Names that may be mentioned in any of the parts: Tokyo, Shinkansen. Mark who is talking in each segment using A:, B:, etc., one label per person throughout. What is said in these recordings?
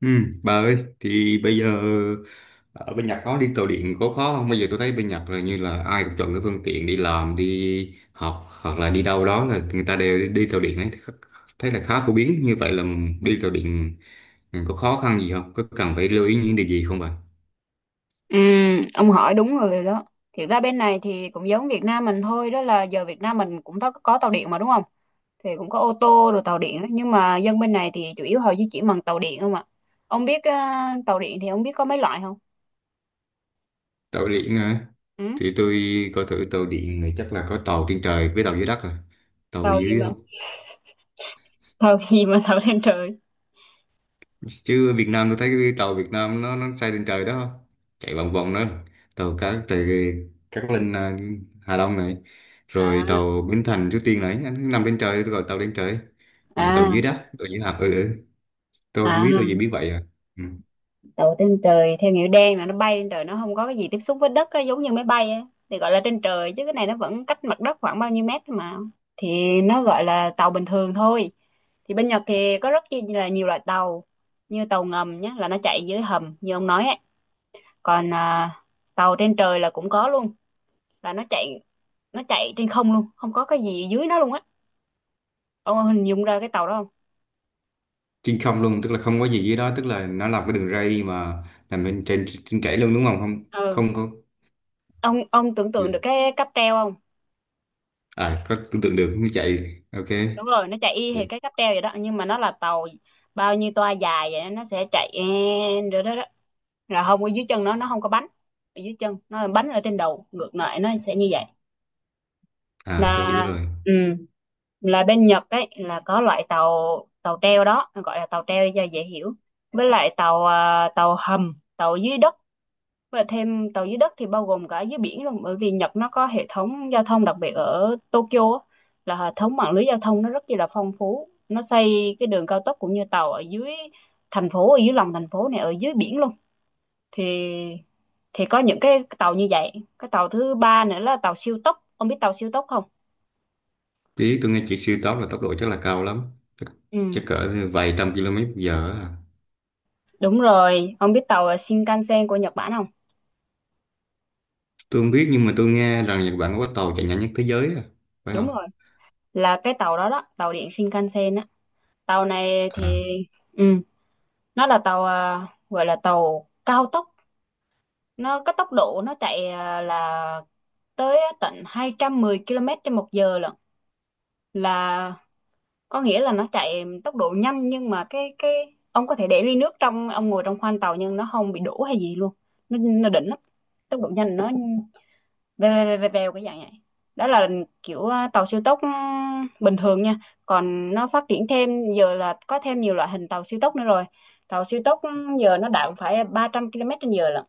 A: Ừ, bà ơi, thì bây giờ ở bên Nhật có đi tàu điện có khó không? Bây giờ tôi thấy bên Nhật là như là ai cũng chọn cái phương tiện đi làm, đi học hoặc là đi đâu đó là người ta đều đi tàu điện ấy. Thấy là khá phổ biến như vậy là đi tàu điện có khó khăn gì không? Có cần phải lưu ý những điều gì không bà?
B: Ừ, ông hỏi đúng người rồi đó. Thiệt ra bên này thì cũng giống Việt Nam mình thôi, đó là giờ Việt Nam mình cũng có tàu điện mà đúng không? Thì cũng có ô tô rồi tàu điện đó. Nhưng mà dân bên này thì chủ yếu họ di chuyển bằng tàu điện không ạ? Ông biết tàu điện thì ông biết có mấy loại không?
A: Tàu điện hả?
B: Ừ?
A: Thì tôi coi thử tàu điện này chắc là có tàu trên trời với tàu dưới đất rồi. Tàu
B: Tàu gì
A: dưới
B: mà? Tàu gì mà tàu trên trời?
A: chứ Việt Nam tôi thấy cái tàu Việt Nam nó xây lên trời đó, chạy vòng vòng đó, tàu cá từ Cát Linh à, Hà Đông này,
B: À,
A: rồi tàu Bến Thành Suối Tiên này, anh nằm trên trời, tôi gọi tàu lên trời. Rồi tàu
B: à,
A: dưới đất, tàu dưới hầm. Ừ, ừ. Tôi không
B: à.
A: biết, tôi chỉ biết vậy à. Ừ.
B: Đậu trên trời theo nghĩa đen là nó bay trên trời, nó không có cái gì tiếp xúc với đất á, giống như máy bay á, thì gọi là trên trời, chứ cái này nó vẫn cách mặt đất khoảng bao nhiêu mét thôi mà, thì nó gọi là tàu bình thường thôi. Thì bên Nhật thì có rất chi là nhiều loại tàu, như tàu ngầm nhé, là nó chạy dưới hầm như ông nói ấy. Còn tàu trên trời là cũng có luôn, là nó chạy, nó chạy trên không luôn, không có cái gì dưới nó luôn á. Ông hình dung ra cái tàu đó không?
A: Trên không luôn tức là không có gì dưới đó, tức là nó làm cái đường ray mà nằm bên trên trên chảy luôn đúng Không, không,
B: Ừ,
A: không có.
B: ông tưởng tượng được cái cáp treo không?
A: À, có tưởng tượng được nó chạy. Ok.
B: Đúng rồi, nó chạy y hệt
A: Vậy.
B: cái cáp treo vậy đó, nhưng mà nó là tàu bao nhiêu toa dài vậy nó sẽ chạy rồi đó là không ở dưới chân nó không có bánh ở dưới chân nó, là bánh ở trên đầu ngược lại, nó sẽ như vậy.
A: À, tôi hiểu
B: Là
A: rồi.
B: ừ, là bên Nhật ấy là có loại tàu, tàu treo đó, gọi là tàu treo đi cho dễ hiểu. Với lại tàu tàu hầm, tàu dưới đất, và thêm tàu dưới đất thì bao gồm cả dưới biển luôn, bởi vì Nhật nó có hệ thống giao thông đặc biệt ở Tokyo á, là hệ thống mạng lưới giao thông nó rất chi là phong phú. Nó xây cái đường cao tốc cũng như tàu ở dưới thành phố, ở dưới lòng thành phố này, ở dưới biển luôn. Thì thì có những cái tàu như vậy. Cái tàu thứ ba nữa là tàu siêu tốc. Ông biết tàu siêu tốc không?
A: Tí tôi nghe chị, siêu tốc là tốc độ chắc là cao lắm. Chắc,
B: Ừ,
A: chắc cỡ vài trăm km giờ á.
B: đúng rồi. Ông biết tàu Shinkansen của Nhật Bản không?
A: Tôi không biết nhưng mà tôi nghe rằng Nhật Bản có tàu chạy nhanh nhất thế giới à. Phải
B: Đúng
A: không?
B: rồi. Là cái tàu đó đó, tàu điện Shinkansen á. Tàu này
A: À.
B: thì ừ. Nó là tàu gọi là tàu cao tốc, nó cái tốc độ nó chạy là tới tận 210 km trên một giờ lận, là có nghĩa là nó chạy tốc độ nhanh, nhưng mà cái ông có thể để ly nước trong ông ngồi trong khoang tàu nhưng nó không bị đổ hay gì luôn. Nó đỉnh lắm, tốc độ nhanh, nó vèo vèo vèo vèo vèo cái dạng này. Đó là kiểu tàu siêu tốc bình thường nha. Còn nó phát triển thêm giờ là có thêm nhiều loại hình tàu siêu tốc nữa rồi. Tàu siêu tốc ừ, giờ nó đạt phải 300 km trên giờ lận.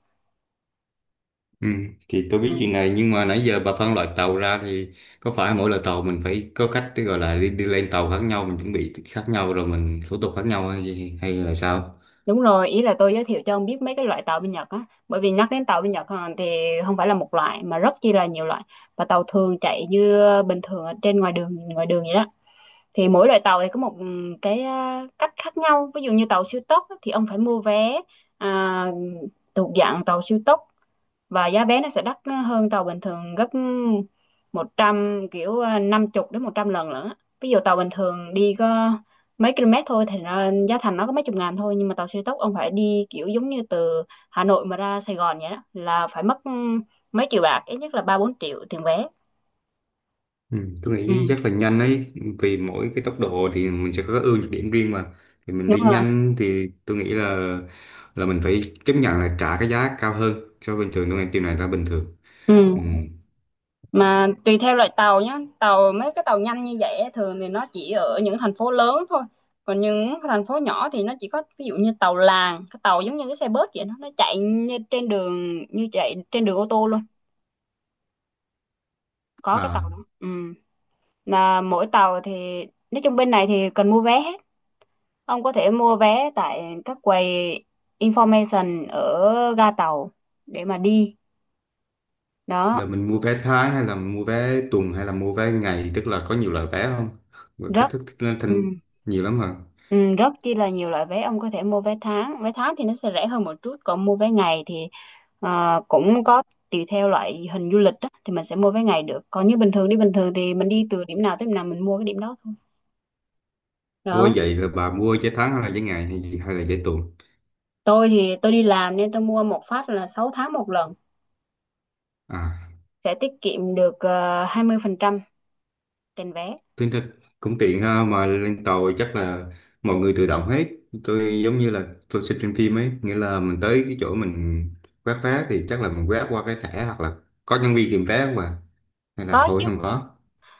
A: Ừ, thì tôi biết
B: Ừ.
A: chuyện này nhưng mà nãy giờ bà phân loại tàu ra thì có phải mỗi loại tàu mình phải có cách để gọi là đi lên tàu khác nhau, mình chuẩn bị khác nhau, rồi mình thủ tục khác nhau, hay là sao?
B: Đúng rồi, ý là tôi giới thiệu cho ông biết mấy cái loại tàu bên Nhật á, bởi vì nhắc đến tàu bên Nhật à, thì không phải là một loại mà rất chi là nhiều loại. Và tàu thường chạy như bình thường ở trên ngoài đường, ngoài đường vậy đó. Thì mỗi loại tàu thì có một cái cách khác nhau. Ví dụ như tàu siêu tốc á, thì ông phải mua vé à, thuộc dạng tàu siêu tốc, và giá vé nó sẽ đắt hơn tàu bình thường gấp 100 kiểu à, 50 đến 100 lần lận á. Ví dụ tàu bình thường đi có mấy km thôi thì nó, giá thành nó có mấy chục ngàn thôi, nhưng mà tàu siêu tốc ông phải đi kiểu giống như từ Hà Nội mà ra Sài Gòn vậy đó, là phải mất mấy triệu bạc, ít nhất là ba bốn triệu tiền vé.
A: Ừ, tôi
B: Ừ
A: nghĩ chắc là nhanh ấy, vì mỗi cái tốc độ thì mình sẽ có cái ưu nhược điểm riêng mà, thì mình
B: đúng
A: đi
B: rồi.
A: nhanh thì tôi nghĩ là mình phải chấp nhận là trả cái giá cao hơn so với bình thường, tôi nghĩ điều này là bình thường.
B: Ừ,
A: Ừ.
B: mà tùy theo loại tàu nhé. Tàu mấy cái tàu nhanh như vậy á, thường thì nó chỉ ở những thành phố lớn thôi. Còn những cái thành phố nhỏ thì nó chỉ có ví dụ như tàu làng, cái tàu giống như cái xe bớt vậy đó, nó chạy như trên đường, như chạy trên đường ô tô luôn. Có cái tàu
A: À,
B: đó ừ. Là mỗi tàu thì nói chung bên này thì cần mua vé hết. Ông có thể mua vé tại các quầy information ở ga tàu để mà đi
A: là
B: đó.
A: mình mua vé tháng hay là mua vé tuần hay là mua vé ngày, tức là có nhiều loại vé không? Và cách
B: Rất
A: thức lên
B: ừ.
A: thành nhiều lắm hả?
B: Ừ, rất chi là nhiều loại vé. Ông có thể mua vé tháng, vé tháng thì nó sẽ rẻ hơn một chút, còn mua vé ngày thì cũng có, tùy theo loại hình du lịch á, thì mình sẽ mua vé ngày được. Còn như bình thường đi bình thường thì mình đi từ điểm nào tới điểm nào mình mua cái điểm đó thôi
A: Ôi
B: đó.
A: vậy là bà mua vé tháng hay là vé ngày hay gì hay là vé tuần?
B: Tôi thì tôi đi làm nên tôi mua một phát là 6 tháng một lần,
A: À.
B: sẽ tiết kiệm được 20% tiền vé.
A: Tính ra cũng tiện ha, mà lên tàu chắc là mọi người tự động hết, tôi giống như là tôi xem trên phim ấy, nghĩa là mình tới cái chỗ mình quét vé thì chắc là mình quét qua cái thẻ hoặc là có nhân viên kiểm vé không à? Hay là
B: Có
A: thôi
B: chứ.
A: không có?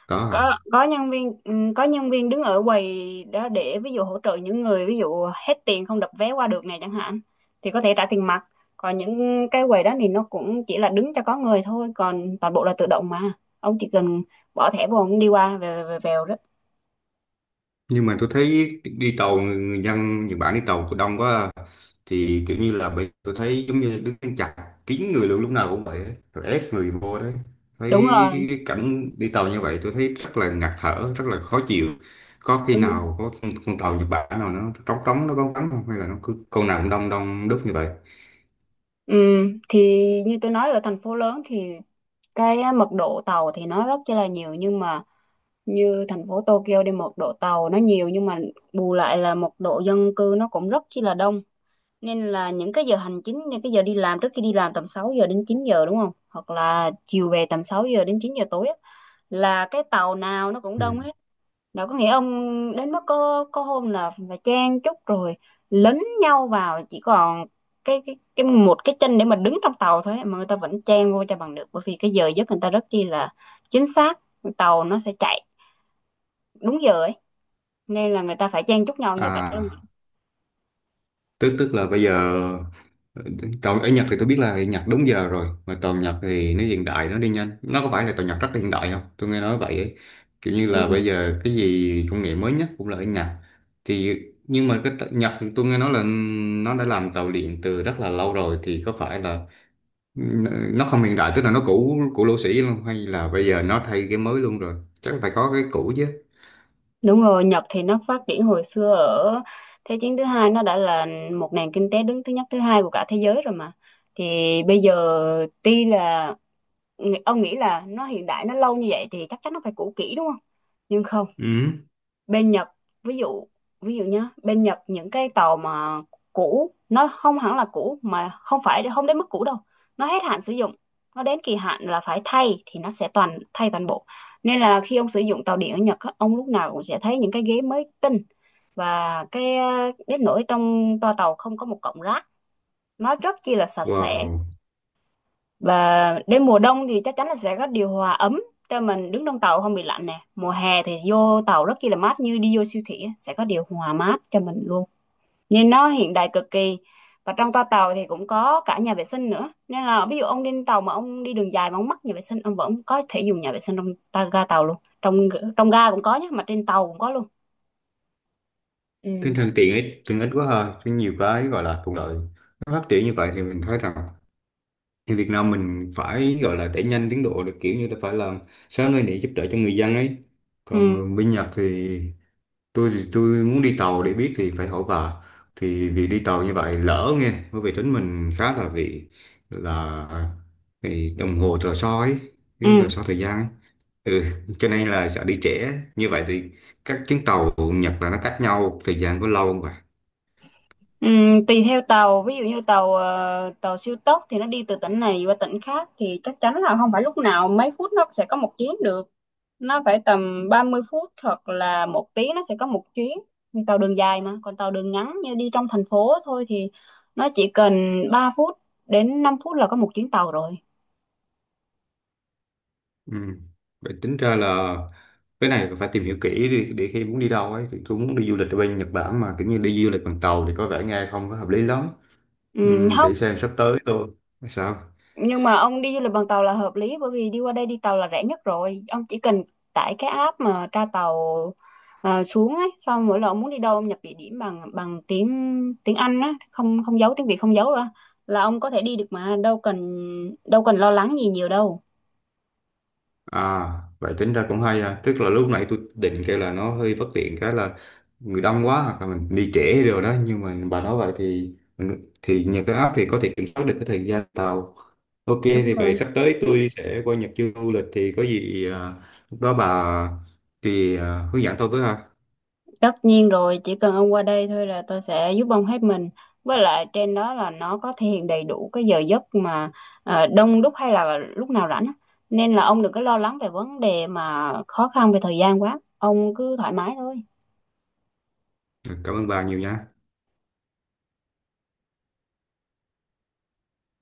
A: Có
B: Có,
A: à.
B: có nhân viên đứng ở quầy đó để ví dụ hỗ trợ những người ví dụ hết tiền không đập vé qua được này chẳng hạn, thì có thể trả tiền mặt. Còn những cái quầy đó thì nó cũng chỉ là đứng cho có người thôi, còn toàn bộ là tự động mà. Ông chỉ cần bỏ thẻ vô ông đi qua về về vèo đó.
A: Nhưng mà tôi thấy đi tàu người dân Nhật Bản đi tàu cũng đông quá à. Thì kiểu như là bây tôi thấy giống như đứng chặt kín người luôn, lúc nào cũng vậy ấy, rồi ép người vô đấy.
B: Đúng
A: Thấy
B: rồi.
A: cái cảnh đi tàu như vậy tôi thấy rất là ngạt thở, rất là khó chịu. Có khi
B: Ừ.
A: nào có con tàu Nhật Bản nào nó trống trống, nó vắng vắng không, hay là nó cứ con nào cũng đông đông đúc như vậy?
B: Thì như tôi nói ở thành phố lớn thì cái á, mật độ tàu thì nó rất là nhiều, nhưng mà như thành phố Tokyo đi, mật độ tàu nó nhiều nhưng mà bù lại là mật độ dân cư nó cũng rất chi là đông. Nên là những cái giờ hành chính, những cái giờ đi làm, trước khi đi làm tầm 6 giờ đến 9 giờ đúng không, hoặc là chiều về tầm 6 giờ đến 9 giờ tối á, là cái tàu nào nó cũng đông
A: Ừ.
B: hết. Đâu có nghĩa ông, đến mức có hôm là phải chen chúc rồi lấn nhau vào chỉ còn cái một cái chân để mà đứng trong tàu thôi á, mà người ta vẫn chen vô cho bằng được, bởi vì cái giờ giấc người ta rất chi là chính xác, tàu nó sẽ chạy đúng giờ ấy, nên là người ta phải chen chúc nhau như vậy đó mà.
A: À, tức tức là bây giờ tàu ở Nhật thì tôi biết là Nhật đúng giờ rồi, mà tàu Nhật thì nó hiện đại, nó đi nhanh, nó có phải là tàu Nhật rất là hiện đại không? Tôi nghe nói vậy ấy. Kiểu như là
B: Ừ.
A: bây giờ cái gì công nghệ mới nhất cũng là ở Nhật. Thì nhưng mà cái tàu Nhật tôi nghe nói là nó đã làm tàu điện từ rất là lâu rồi, thì có phải là nó không hiện đại, tức là nó cũ cũ lỗ sĩ luôn, hay là bây giờ nó thay cái mới luôn rồi? Chắc phải có cái cũ chứ.
B: Đúng rồi, Nhật thì nó phát triển hồi xưa ở Thế chiến thứ hai, nó đã là một nền kinh tế đứng thứ nhất thứ hai của cả thế giới rồi mà. Thì bây giờ tuy là ông nghĩ là nó hiện đại nó lâu như vậy thì chắc chắn nó phải cũ kỹ đúng không? Nhưng không,
A: Ừ.
B: bên Nhật, ví dụ ví dụ nhá, bên Nhật những cái tàu mà cũ nó không hẳn là cũ, mà không phải không đến mức cũ đâu. Nó hết hạn sử dụng, nó đến kỳ hạn là phải thay thì nó sẽ toàn thay toàn bộ. Nên là khi ông sử dụng tàu điện ở Nhật á, ông lúc nào cũng sẽ thấy những cái ghế mới tinh. Và cái đến nỗi trong toa tàu không có một cọng rác, nó rất chi là sạch sẽ.
A: Wow,
B: Và đến mùa đông thì chắc chắn là sẽ có điều hòa ấm cho mình đứng trong tàu không bị lạnh nè. Mùa hè thì vô tàu rất chi là mát như đi vô siêu thị á, sẽ có điều hòa mát cho mình luôn. Nhìn nó hiện đại cực kỳ. Và trong toa tàu thì cũng có cả nhà vệ sinh nữa. Nên là ví dụ ông đi trên tàu mà ông đi đường dài mà ông mắc nhà vệ sinh, ông vẫn có thể dùng nhà vệ sinh trong ta ga tàu luôn. Trong trong ga cũng có nhé, mà trên tàu cũng có luôn. Ừ.
A: tinh thần tiện ích quá ha, có nhiều cái gọi là thuận lợi, nó phát triển như vậy thì mình thấy rằng thì Việt Nam mình phải gọi là đẩy nhanh tiến độ được, kiểu như là phải làm sớm lên để giúp đỡ cho người dân ấy.
B: Ừ.
A: Còn bên Nhật thì tôi muốn đi tàu để biết thì phải hỏi bà. Thì vì đi tàu như vậy lỡ nghe, bởi vì tính mình khá là vì là thì đồng hồ tờ soi ấy, cái tờ
B: Ừ.
A: soi thời gian ấy. Ừ, cho nên là sợ đi trễ. Như vậy thì các chuyến tàu Nhật là nó cách nhau thời gian có lâu không?
B: Tùy theo tàu, ví dụ như tàu tàu siêu tốc thì nó đi từ tỉnh này qua tỉnh khác thì chắc chắn là không phải lúc nào mấy phút nó sẽ có một chuyến được, nó phải tầm 30 phút hoặc là một tiếng nó sẽ có một chuyến. Nhưng tàu đường dài, mà còn tàu đường ngắn như đi trong thành phố thôi thì nó chỉ cần 3 phút đến 5 phút là có một chuyến tàu rồi.
A: Ừ. Vậy tính ra là cái này phải tìm hiểu kỹ để khi muốn đi đâu ấy, thì tôi muốn đi du lịch ở bên Nhật Bản mà kiểu như đi du lịch bằng tàu thì có vẻ nghe không có hợp lý lắm. Ừ, để
B: Không,
A: xem sắp tới tôi sao.
B: nhưng mà ông đi du lịch bằng tàu là hợp lý, bởi vì đi qua đây đi tàu là rẻ nhất rồi. Ông chỉ cần tải cái app mà tra tàu xuống ấy, xong mỗi lần ông muốn đi đâu ông nhập địa điểm bằng bằng tiếng tiếng Anh á, không không giấu tiếng Việt không giấu ra, là ông có thể đi được, mà đâu cần lo lắng gì nhiều đâu.
A: À, vậy tính ra cũng hay à, tức là lúc nãy tôi định kêu là nó hơi bất tiện, cái là người đông quá hoặc là mình đi trễ rồi đó, nhưng mà bà nói vậy thì nhờ cái app thì có thể kiểm soát được cái thời gian tàu. Ok
B: Đúng
A: thì vậy
B: rồi.
A: sắp tới tôi sẽ qua Nhật du lịch thì có gì à, lúc đó bà thì hướng dẫn tôi với ha.
B: Tất nhiên rồi, chỉ cần ông qua đây thôi là tôi sẽ giúp ông hết mình. Với lại trên đó là nó có thể hiện đầy đủ cái giờ giấc mà đông đúc hay là lúc nào rảnh á. Nên là ông đừng có lo lắng về vấn đề mà khó khăn về thời gian quá. Ông cứ thoải mái thôi.
A: Cảm ơn bà nhiều nha.